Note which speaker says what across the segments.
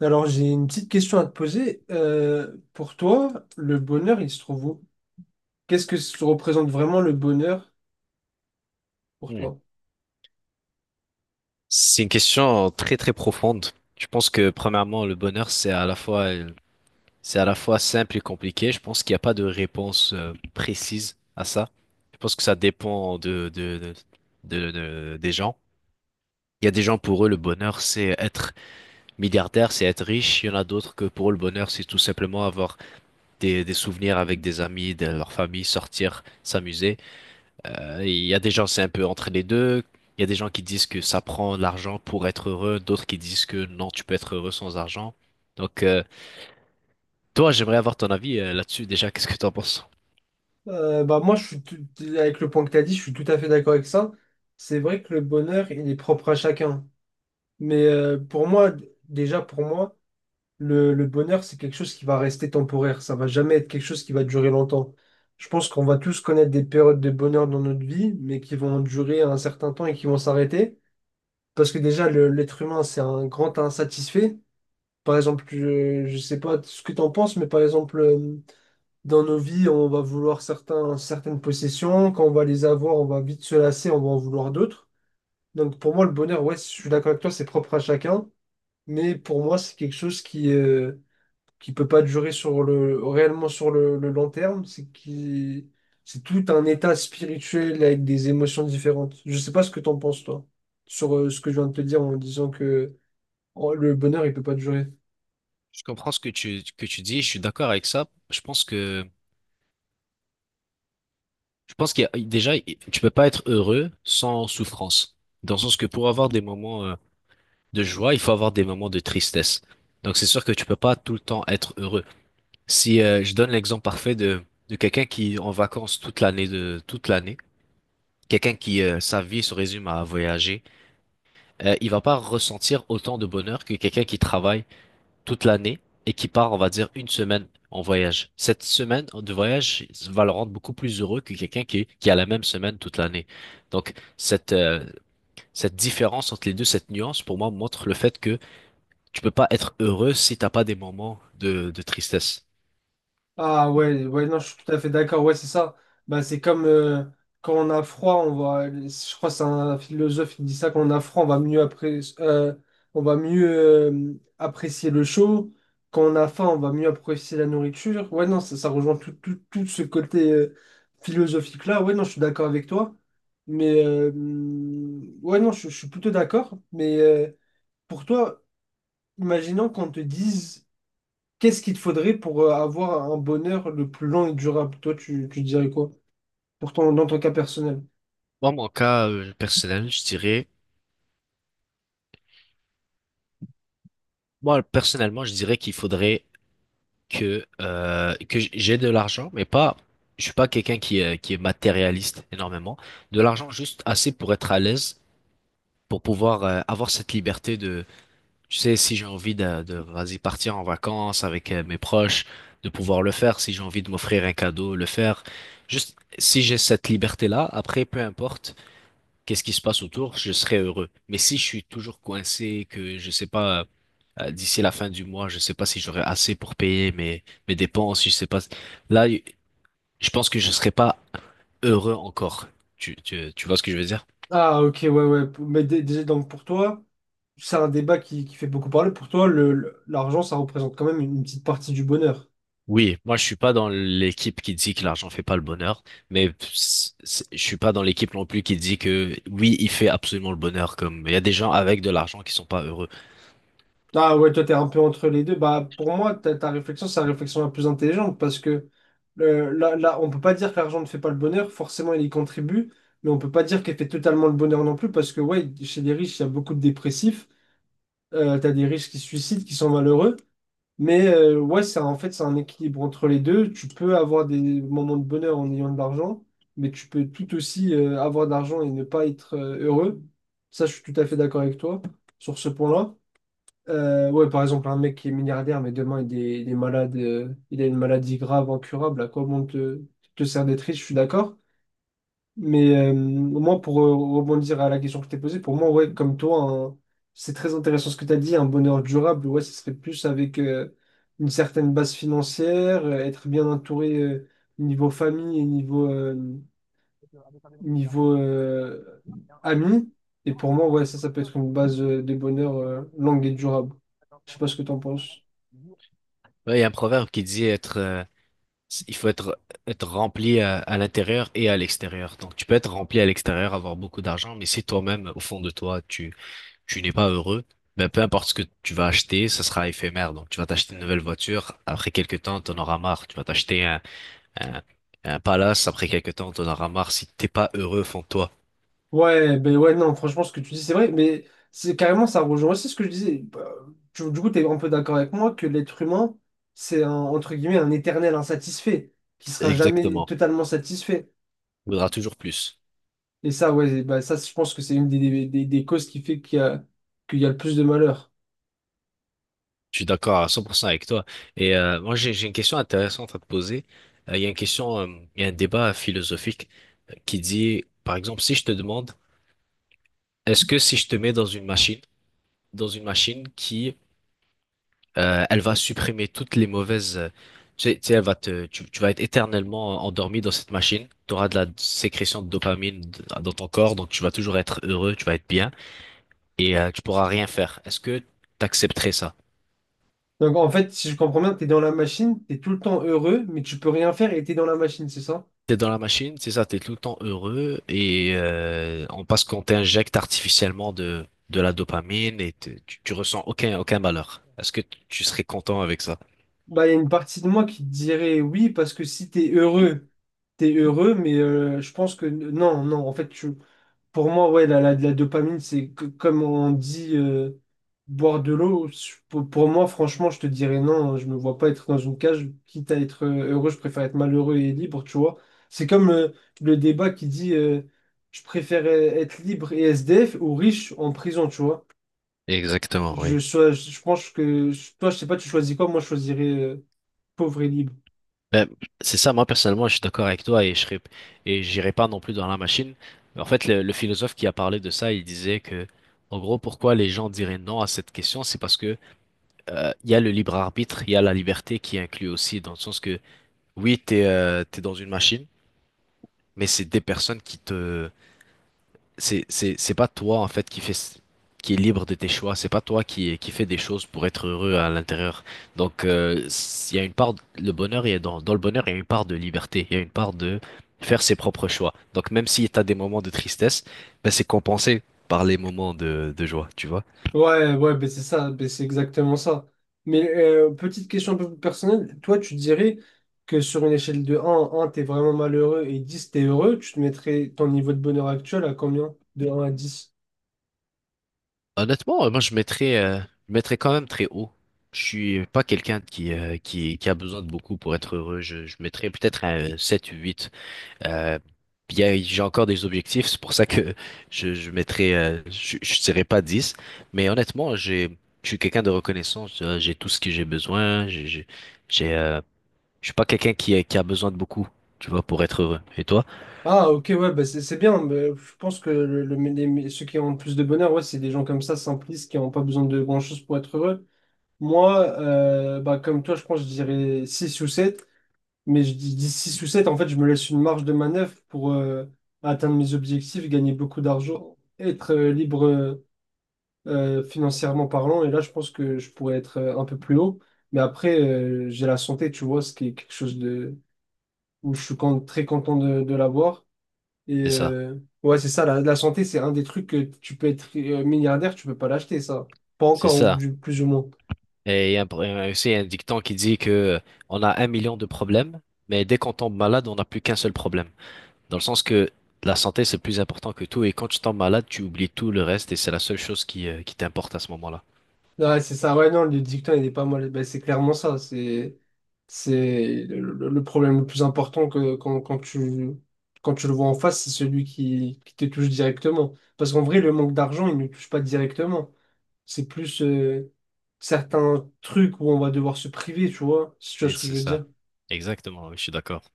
Speaker 1: Alors, j'ai une petite question à te poser. Pour toi, le bonheur, il se trouve où? Qu'est-ce que se représente vraiment le bonheur pour
Speaker 2: Hmm.
Speaker 1: toi?
Speaker 2: C'est une question très très profonde. Je pense que premièrement, le bonheur, c'est à la fois, c'est à la fois simple et compliqué. Je pense qu'il n'y a pas de réponse précise à ça. Je pense que ça dépend de- des gens. Il y a des gens pour eux, le bonheur, c'est être milliardaire, c'est être riche. Il y en a d'autres que pour eux, le bonheur, c'est tout simplement avoir des souvenirs avec des amis, de leur famille, sortir, s'amuser. Il y a des gens, c'est un peu entre les deux. Il y a des gens qui disent que ça prend de l'argent pour être heureux, d'autres qui disent que non, tu peux être heureux sans argent. Donc, toi, j'aimerais avoir ton avis là-dessus déjà. Qu'est-ce que tu en penses?
Speaker 1: Bah moi, je suis avec le point que tu as dit, je suis tout à fait d'accord avec ça. C'est vrai que le bonheur, il est propre à chacun. Mais pour moi, déjà pour moi, le bonheur, c'est quelque chose qui va rester temporaire. Ça va jamais être quelque chose qui va durer longtemps. Je pense qu'on va tous connaître des périodes de bonheur dans notre vie, mais qui vont durer un certain temps et qui vont s'arrêter. Parce que déjà, l'être humain, c'est un grand insatisfait. Par exemple, je sais pas ce que tu en penses, mais par exemple, dans nos vies, on va vouloir certaines possessions. Quand on va les avoir, on va vite se lasser, on va en vouloir d'autres. Donc pour moi, le bonheur, ouais, je suis d'accord avec toi, c'est propre à chacun. Mais pour moi, c'est quelque chose qui peut pas durer sur réellement sur le long terme, c'est tout un état spirituel avec des émotions différentes. Je sais pas ce que t'en penses, toi, sur ce que je viens de te dire en disant que oh, le bonheur, il peut pas durer.
Speaker 2: Je comprends ce que tu dis, je suis d'accord avec ça. Je pense qu'il y a, déjà, tu peux pas être heureux sans souffrance. Dans le sens que pour avoir des moments de joie, il faut avoir des moments de tristesse. Donc c'est sûr que tu peux pas tout le temps être heureux. Si je donne l'exemple parfait de quelqu'un qui est en vacances toute l'année de toute l'année, quelqu'un qui, sa vie se résume à voyager, il va pas ressentir autant de bonheur que quelqu'un qui travaille toute l'année et qui part, on va dire, une semaine en voyage. Cette semaine de voyage va le rendre beaucoup plus heureux que quelqu'un qui a la même semaine toute l'année. Donc, cette différence entre les deux, cette nuance, pour moi, montre le fait que tu peux pas être heureux si t'as pas des moments de tristesse.
Speaker 1: Ah ouais, ouais, non, je suis tout à fait d'accord, ouais, c'est ça. Bah, c'est comme quand on a froid, je crois que c'est un philosophe qui dit ça, quand on a froid, on va mieux apprécier le chaud. Quand on a faim, on va mieux apprécier la nourriture. Ouais, non, ça rejoint tout ce côté philosophique-là. Ouais, non, je suis d'accord avec toi. Mais ouais, non, je suis plutôt d'accord. Mais pour toi, imaginons qu'on te dise, qu'est-ce qu'il te faudrait pour avoir un bonheur le plus long et durable? Toi, tu dirais quoi? Dans ton cas personnel.
Speaker 2: Moi, mon cas personnel, je dirais, moi, personnellement, je dirais qu'il faudrait que j'ai de l'argent, mais pas, je suis pas quelqu'un qui est matérialiste énormément. De l'argent juste assez pour être à l'aise, pour pouvoir avoir cette liberté de, tu sais, si j'ai envie de vas-y, partir en vacances avec mes proches, de pouvoir le faire. Si j'ai envie de m'offrir un cadeau, le faire. Juste, si j'ai cette liberté-là, après, peu importe qu'est-ce qui se passe autour, je serai heureux. Mais si je suis toujours coincé, que je sais pas, d'ici la fin du mois, je sais pas si j'aurai assez pour payer mes dépenses, je sais pas. Là, y- je pense que je serai pas heureux encore. Tu vois ce que je veux dire?
Speaker 1: Ah, ok, ouais, ouais. Mais déjà, donc pour toi, c'est un débat qui fait beaucoup parler. Pour toi, l'argent, ça représente quand même une petite partie du bonheur.
Speaker 2: Oui, moi je suis pas dans l'équipe qui dit que l'argent fait pas le bonheur, mais je suis pas dans l'équipe non plus qui dit que oui, il fait absolument le bonheur. Comme il y a des gens avec de l'argent qui sont pas heureux.
Speaker 1: Ah ouais, toi, t'es un peu entre les deux. Bah, pour moi, ta réflexion, c'est la réflexion la plus intelligente parce que là, on peut pas dire que l'argent ne fait pas le bonheur. Forcément, il y contribue, mais on peut pas dire qu'il fait totalement le bonheur non plus parce que, ouais, chez les riches, il y a beaucoup de dépressifs. T'as des riches qui se suicident, qui sont malheureux. Mais ouais, c'est en fait, c'est un équilibre entre les deux. Tu peux avoir des moments de bonheur en ayant de l'argent, mais tu peux tout aussi avoir de l'argent et ne pas être heureux. Ça, je suis tout à fait d'accord avec toi sur ce point-là. Ouais, par exemple, un mec qui est milliardaire, mais demain, il est malade, il a une maladie grave, incurable, à quoi bon te sert d'être riche, je suis d'accord. Mais moi, pour rebondir à la question que je t'ai posée, pour moi, ouais, comme toi, c'est très intéressant ce que tu as dit, un bonheur durable, ouais, ce serait plus avec une certaine base financière, être bien entouré niveau famille et niveau, niveau amis. Et pour moi, ouais, ça peut être une base de bonheur longue et durable. Je sais pas ce que tu en penses.
Speaker 2: Ouais, il y a un proverbe qui dit être , il faut être, être rempli à l'intérieur et à l'extérieur. Donc, tu peux être rempli à l'extérieur, avoir beaucoup d'argent, mais si toi-même, au fond de toi, tu n'es pas heureux, ben, peu importe ce que tu vas acheter, ça sera éphémère. Donc, tu vas t'acheter une nouvelle voiture. Après quelques temps, t'en auras marre. Tu vas t'acheter un, un palace. Après quelques temps, t'en auras marre si t'es pas heureux au fond de toi.
Speaker 1: Ouais, ben ouais, non, franchement, ce que tu dis, c'est vrai, mais c'est carrément, ça rejoint aussi ce que je disais. Bah, du coup, tu es un peu d'accord avec moi que l'être humain, c'est un, entre guillemets, un éternel insatisfait, qui sera jamais
Speaker 2: Exactement.
Speaker 1: totalement satisfait.
Speaker 2: Tu voudras toujours plus.
Speaker 1: Et ça, ouais, bah, ça, je pense que c'est une des causes qui fait qu'il y a le plus de malheur.
Speaker 2: Je suis d'accord à 100% avec toi. Et moi, j'ai une question intéressante à te poser. Il y a une question, il y a un débat philosophique qui dit, par exemple, si je te demande, est-ce que si je te mets dans une machine qui, elle va supprimer toutes les mauvaises, elle va tu, tu vas être éternellement endormi dans cette machine, tu auras de la sécrétion de dopamine dans ton corps, donc tu vas toujours être heureux, tu vas être bien, et tu pourras rien faire. Est-ce que tu accepterais ça?
Speaker 1: Donc, en fait, si je comprends bien, tu es dans la machine, tu es tout le temps heureux, mais tu peux rien faire et tu es dans la machine, c'est ça?
Speaker 2: T'es dans la machine, c'est ça, t'es tout le temps heureux et parce qu'on t'injecte artificiellement de la dopamine et tu ressens aucun malheur. Est-ce que tu serais content avec ça?
Speaker 1: Bah, il y a une partie de moi qui te dirait oui, parce que si tu es heureux, t'es heureux, mais je pense que non, non, en fait, pour moi, ouais, la dopamine, comme on dit boire de l'eau. Pour moi, franchement, je te dirais non, hein. Je me vois pas être dans une cage. Quitte à être heureux, je préfère être malheureux et libre, tu vois. C'est comme le débat qui dit je préfère être libre et SDF ou riche en prison, tu vois.
Speaker 2: Exactement,
Speaker 1: Je,
Speaker 2: oui.
Speaker 1: sois- je, pense que toi, je sais pas, tu choisis quoi? Moi, je choisirais pauvre et libre.
Speaker 2: Ben, c'est ça, moi personnellement, je suis d'accord avec toi et et j'irai pas non plus dans la machine. En fait, le philosophe qui a parlé de ça, il disait que, en gros, pourquoi les gens diraient non à cette question, c'est parce que il y a le libre arbitre, il y a la liberté qui est inclue aussi, dans le sens que oui, t'es dans une machine, mais c'est des personnes qui te... c'est pas toi, en fait, qui est libre de tes choix. C'est pas toi qui fait des choses pour être heureux à l'intérieur. Donc, il y a une part, le bonheur, il y a dans le bonheur, il y a une part de liberté. Il y a une part de faire ses propres choix. Donc, même si tu as des moments de tristesse, ben, c'est compensé par les moments de joie, tu vois.
Speaker 1: Ouais, ouais, ben c'est ça, ben c'est exactement ça. Mais petite question un peu plus personnelle, toi tu dirais que sur une échelle de 1 un, t'es vraiment malheureux et 10, t'es heureux, tu te mettrais ton niveau de bonheur actuel à combien? De un à dix.
Speaker 2: Honnêtement, moi, je mettrais quand même très haut. Je suis pas quelqu'un qui a besoin de beaucoup pour être heureux. Je mettrais peut-être un 7 ou 8. Euh, puis, j'ai encore des objectifs, c'est pour ça que je mettrai, je dirais pas dix, mais honnêtement, je suis quelqu'un de reconnaissant, j'ai tout ce que j'ai besoin, j'ai, euh, je suis pas quelqu'un qui a besoin de beaucoup, tu vois, pour être heureux. Et toi?
Speaker 1: Ah ok, ouais, ben c'est bien, ben, je pense que ceux qui ont le plus de bonheur, ouais, c'est des gens comme ça, simplistes, qui n'ont pas besoin de grand-chose pour être heureux. Moi, bah, comme toi, je pense je dirais 6 ou 7. Mais je dis 6 ou 7 en fait, je me laisse une marge de manœuvre pour atteindre mes objectifs, gagner beaucoup d'argent, être libre financièrement parlant. Et là, je pense que je pourrais être un peu plus haut. Mais après, j'ai la santé, tu vois, ce qui est quelque chose de, où je suis très content de l'avoir. Et
Speaker 2: C'est ça,
Speaker 1: ouais, c'est ça, la santé, c'est un des trucs que tu peux être milliardaire, tu peux pas l'acheter, ça. Pas
Speaker 2: c'est
Speaker 1: encore, ou
Speaker 2: ça.
Speaker 1: plus ou moins.
Speaker 2: Et il y a aussi un dicton qui dit que on a 1 000 000 de problèmes, mais dès qu'on tombe malade, on n'a plus qu'un seul problème. Dans le sens que la santé, c'est plus important que tout, et quand tu tombes malade, tu oublies tout le reste, et c'est la seule chose qui t'importe à ce moment-là.
Speaker 1: Ouais, c'est ça, ouais, non, le dicton, il est pas mal. Ben, c'est clairement ça. C'est le problème le plus important que, quand, quand tu le vois en face, c'est celui qui te touche directement. Parce qu'en vrai, le manque d'argent, il ne touche pas directement. C'est plus certains trucs où on va devoir se priver, tu vois. Si tu vois
Speaker 2: Et
Speaker 1: ce que je
Speaker 2: c'est
Speaker 1: veux
Speaker 2: ça.
Speaker 1: dire.
Speaker 2: Exactement, oui, je suis d'accord.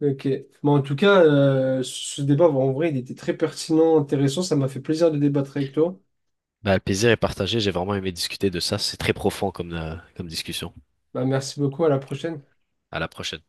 Speaker 1: Ok. Mais en tout cas, ce débat, en vrai, il était très pertinent, intéressant. Ça m'a fait plaisir de débattre avec toi.
Speaker 2: Bah, le plaisir est partagé. J'ai vraiment aimé discuter de ça. C'est très profond comme, comme discussion.
Speaker 1: Bah, merci beaucoup, à la prochaine.
Speaker 2: À la prochaine.